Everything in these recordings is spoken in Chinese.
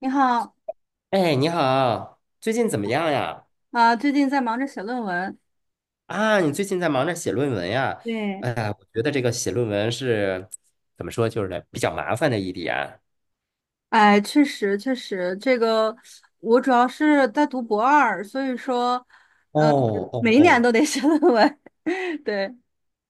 你好。哎，你好，最近怎么样呀？啊，最近在忙着写论文。啊，你最近在忙着写论文呀？对，哎呀，我觉得这个写论文是怎么说，就是比较麻烦的一点。哎，确实确实，这个我主要是在读博二，所以说哦哦每一年哦。都得写论文。对，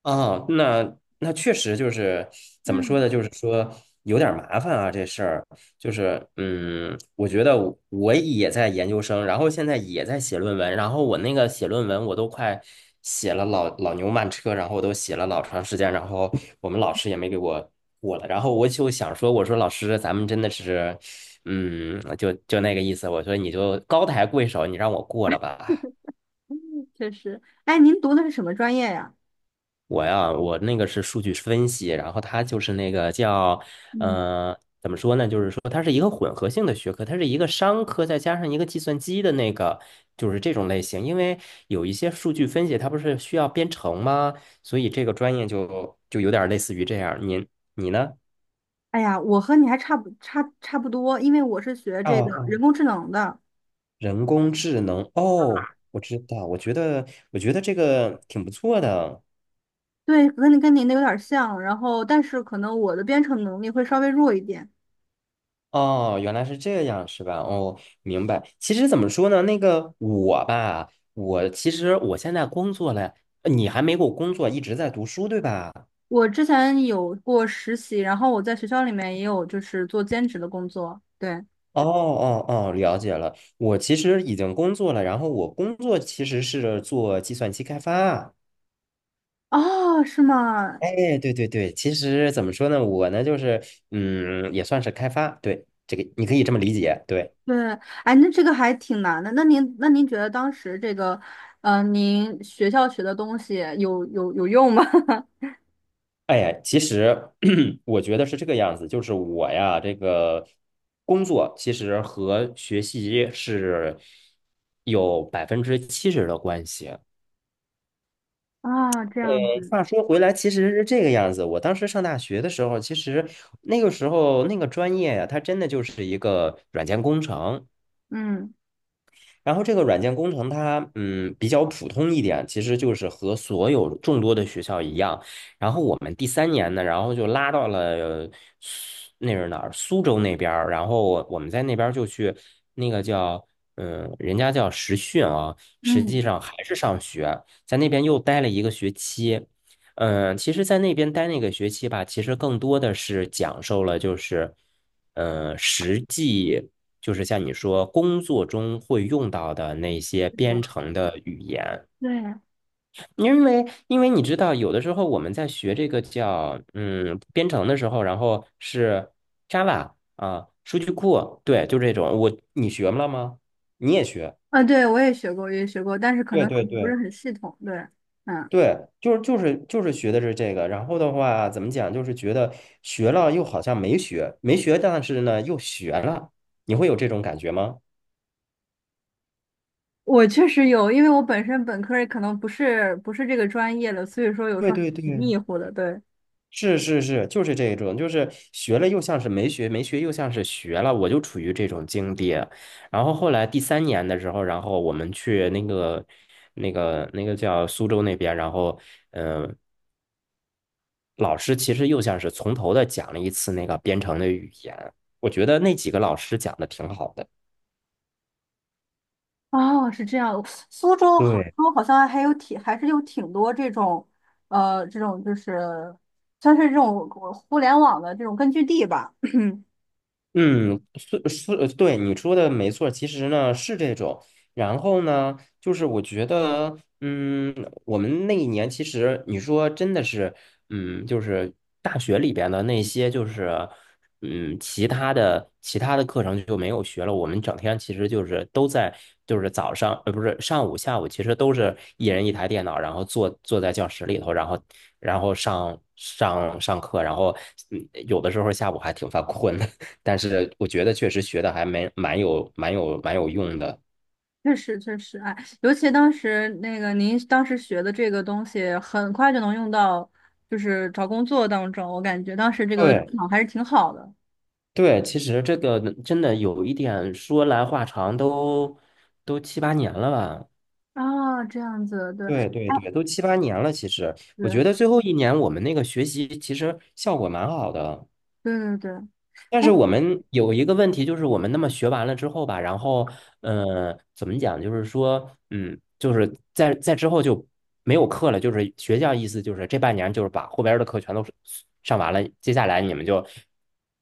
啊，那确实就是怎么说嗯呢？就是说有点儿麻烦啊，这事儿就是我觉得我也在研究生，然后现在也在写论文，然后我那个写论文我都快写了老老牛慢车，然后我都写了老长时间，然后我们老师也没给我过了，然后我就想说，我说老师，咱们真的是就那个意思，我说你就高抬贵手，你让我过了吧。嗯确实。哎，您读的是什么专业呀？我呀，我那个是数据分析，然后它就是那个叫，嗯，怎么说呢？就是说它是一个混合性的学科，它是一个商科再加上一个计算机的那个，就是这种类型。因为有一些数据分析，它不是需要编程吗？所以这个专业就有点类似于这样。您你呢？哎呀，我和你还差不多，因为我是学哦这个哦，人工智能的。人工智能，哦，我知道，我觉得这个挺不错的。对，跟您的有点像。然后，但是可能我的编程能力会稍微弱一点。哦，原来是这样，是吧？哦，明白。其实怎么说呢，那个我吧，我其实现在工作了，你还没给我工作，一直在读书，对吧？我之前有过实习，然后我在学校里面也有就是做兼职的工作。对，哦哦哦，了解了。我其实已经工作了，然后我工作其实是做计算机开发。哦，是吗？哎，对对对，其实怎么说呢，我呢就是，也算是开发，对，这个你可以这么理解，对。对，哎，那这个还挺难的。那您觉得当时这个，您学校学的东西有用吗？哎呀，其实 我觉得是这个样子，就是我呀，这个工作其实和学习是有百分之七十的关系。啊，这呃，样啊，话说回来，其实是这个样子。我当时上大学的时候，其实那个时候那个专业呀，它真的就是一个软件工程。嗯然后这个软件工程它比较普通一点，其实就是和所有众多的学校一样。然后我们第三年呢，然后就拉到了苏那是哪儿？苏州那边儿。然后我们在那边儿就去那个叫人家叫实训啊，实际嗯，上还是上学，在那边又待了一个学期。嗯，其实，在那边待那个学期吧，其实更多的是讲授了，就是，实际就是像你说工作中会用到的那些编程的语言，对，因为你知道，有的时候我们在学这个叫编程的时候，然后是 Java 啊，数据库，对，就这种。我你学了吗？你也学？啊，对，我也学过，我也学过，但是可对能对不是对很系统。对，嗯，对，就是学的是这个，然后的话怎么讲，就是觉得学了又好像没学，没学，但是呢又学了，你会有这种感觉吗？我确实有，因为我本身本科儿可能不是这个专业的，所以说有时对候还对对，挺迷糊的。对，是是是，就是这种，就是学了又像是没学，没学又像是学了，我就处于这种境地。然后后来第三年的时候，然后我们去那个叫苏州那边，然后嗯、呃老师其实又像是从头的讲了一次那个编程的语言，我觉得那几个老师讲的挺好的。哦，是这样。苏州、杭对。州好像还有挺，还是有挺多这种，这种就是算是这种互联网的这种根据地吧。嗯，是是，对你说的没错，其实呢是这种。然后呢，就是我觉得，我们那一年其实你说真的是，嗯，就是大学里边的那些，就是，其他的课程就没有学了。我们整天其实就是都在，就是早上，不是上午、下午，其实都是一人一台电脑，然后坐在教室里头，然后然后上课，然后有的时候下午还挺犯困的。但是我觉得确实学的还蛮有用的。确实，确实，哎，尤其当时那个您当时学的这个东西，很快就能用到，就是找工作当中。我感觉当时这个市对场还是挺好的。对，其实这个真的有一点说来话长都，都七八年了吧？啊，这样子，对，对对哎，对，都七八年了。其实我对，觉得最后一年我们那个学习其实效果蛮好的。对对对，但哎，是我们有一个问题，就是我们那么学完了之后吧，然后，怎么讲？就是说，就是在之后就没有课了，就是学校意思就是这半年就是把后边儿的课全都是上完了，接下来你们就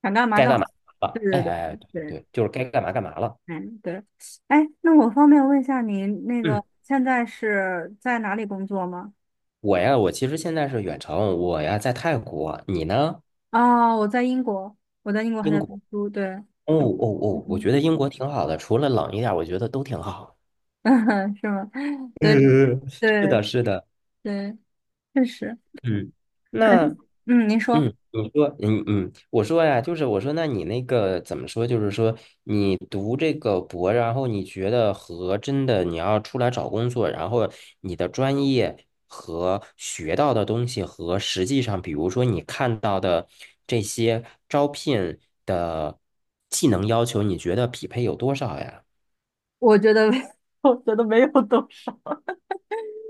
想干嘛该干嘛，干嘛对了？哎对哎，哎对对对对。对，就是该干嘛干嘛了。嗯，对。哎，那我方便问一下您，那嗯，个现在是在哪里工作吗？我呀，我其实现在是远程，我呀在泰国，你呢？啊，我在英国，我在英国还英在读国。书。对，哦哦哦，我嗯，觉得英国挺好的，除了冷一点儿我觉得都挺好。是吗？对嗯，是的，对是的。对，确实，嗯，感觉，那嗯，您嗯，说，你说嗯嗯，我说呀，就是我说，那你那个怎么说？就是说，你读这个博，然后你觉得和真的你要出来找工作，然后你的专业和学到的东西和实际上，比如说你看到的这些招聘的技能要求，你觉得匹配有多少呀？我觉得，我觉得没有多少。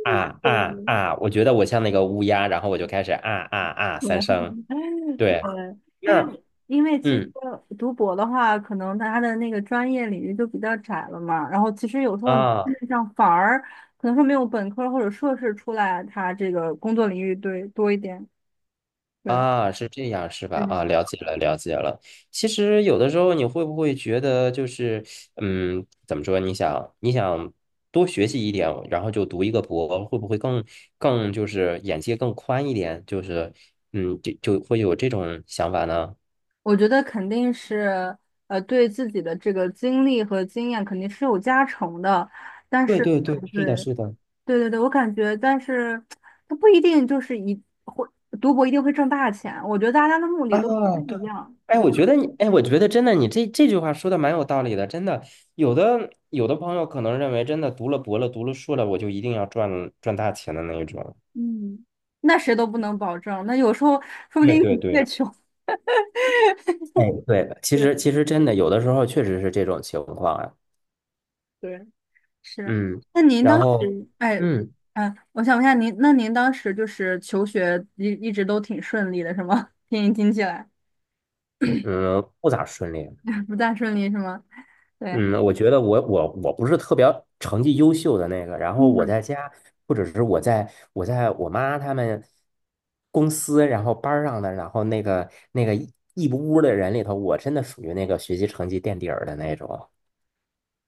啊对，啊啊！我觉得我像那个乌鸦，然后我就开始啊啊啊三对声。对，呃，因那为因为其实嗯。读博的话，可能它的那个专业领域就比较窄了嘛。然后其实有时候啊像反而可能说没有本科或者硕士出来，它这个工作领域对多一点。对，啊，是这样是吧？啊，嗯，了解了，了解了。其实有的时候你会不会觉得就是，怎么说？你想，你想多学习一点，然后就读一个博，会不会更就是眼界更宽一点？就是，嗯，就就会有这种想法呢？我觉得肯定是对自己的这个经历和经验肯定是有加成的，但对是对对，对是的，是的。对对对，我感觉，但是它不一定就是一会读博一定会挣大钱。我觉得大家的目的啊，都不太对，一样。哎，我觉得你，哎，我觉得真的，你这句话说的蛮有道理的，真的。有的朋友可能认为，真的读了博了，读了硕了，我就一定要赚大钱的那一种。那谁都不能保证。那有时候说不对定对你越对，穷 哎，对，其实真的有的时候确实是这种情况啊，是。嗯，那您然当后，时，哎，嗯哎，我想问一下您，那您当时就是求学一直都挺顺利的，是吗？听您听起来 嗯，不咋顺利。不大顺利是吗？对。嗯，我觉得我不是特别成绩优秀的那个，然后我嗯，在家或者是我在我妈他们公司，然后班儿上的，然后那个一屋的人里头，我真的属于那个学习成绩垫底儿的那种。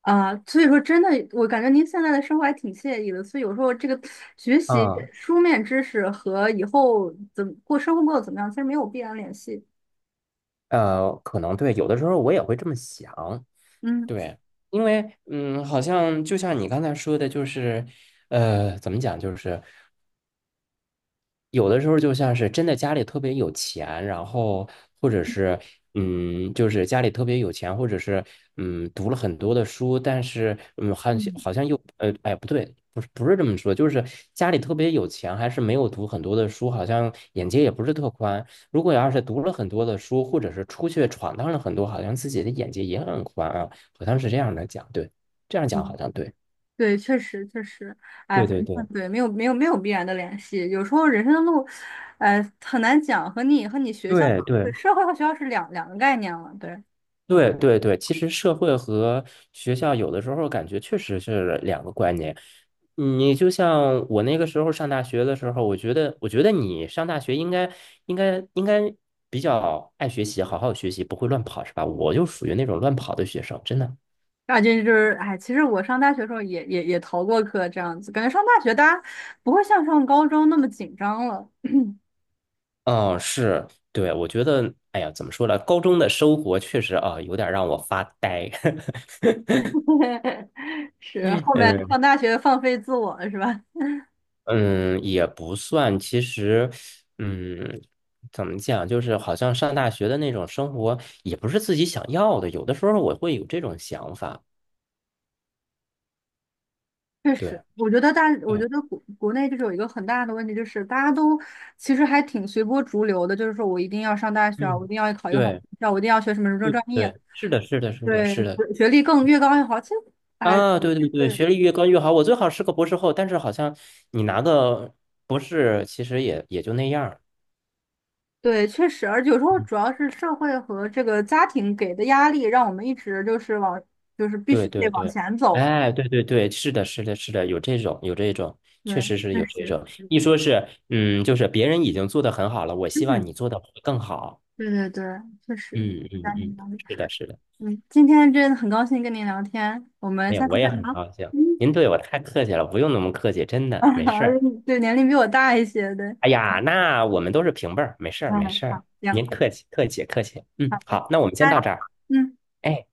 啊，所以说真的，我感觉您现在的生活还挺惬意的。所以有时候这个学习啊，书面知识和以后怎么过生活过得怎么样，其实没有必然联系。可能对，有的时候我也会这么想。嗯对，因为好像就像你刚才说的，就是，怎么讲，就是，有的时候就像是真的家里特别有钱，然后或者是就是家里特别有钱，或者是读了很多的书，但是好像嗯好像又哎不对，不是这么说，就是家里特别有钱，还是没有读很多的书，好像眼界也不是特宽。如果要是读了很多的书，或者是出去闯荡了很多，好像自己的眼界也很宽啊，好像是这样的讲，对，这样讲好嗯像对，对，确实确实，哎，对反对正对对，没有没有没有必然的联系。有时候人生的路，哎，很难讲，和你学校、对对对。社会和学校是两个概念了。对，对对对，其实社会和学校有的时候感觉确实是两个观念。你就像我那个时候上大学的时候，我觉得，我觉得你上大学应该比较爱学习，好好学习，不会乱跑，是吧？我就属于那种乱跑的学生，真的。大这就是，哎，其实我上大学的时候也逃过课，这样子，感觉上大学大家不会像上高中那么紧张了。嗯，是，对，我觉得，哎呀，怎么说呢？高中的生活确实啊，有点让我发呆。是，后面嗯。上大学放飞自我了，是吧？嗯，也不算。其实，嗯，怎么讲，就是好像上大学的那种生活，也不是自己想要的。有的时候我会有这种想法。确对，实，我觉得大，我嗯觉得国内就是有一个很大的问题，就是大家都其实还挺随波逐流的，就是说我一定要上大学啊，我一嗯，定要考一个好对学校，我一定要学什么什么对专业，对，是的，是的，是的，对，是的。学历越高越好。其实，哎，啊，对对对，对学历越高越好。我最好是个博士后，但是好像你拿个博士，其实也就那样儿。对，确实，而且有时候主要是社会和这个家庭给的压力，让我们一直就是往，就是必对须得对往对，前走。哎，对对对，是的，是的，是的，有这种，有这种，确对，实是确有这实，种。是的一说是，就是别人已经做的很好了，我希望嗯，你做的会更好。对对对，确实，嗯嗯家庭嗯，压力。是的，是的，嗯，今天真的很高兴跟您聊天，我们哎呀，下次我再也很聊。高兴。嗯。您对我太客气了，不用那么客气，真啊，的没事儿。对，年龄比我大一些，对，哎呀，那我们都是平辈儿，没事儿没嗯，事儿，好，行，您客气客气客气。好嗯，的，好，那我们先拜，到这儿。嗯。哎。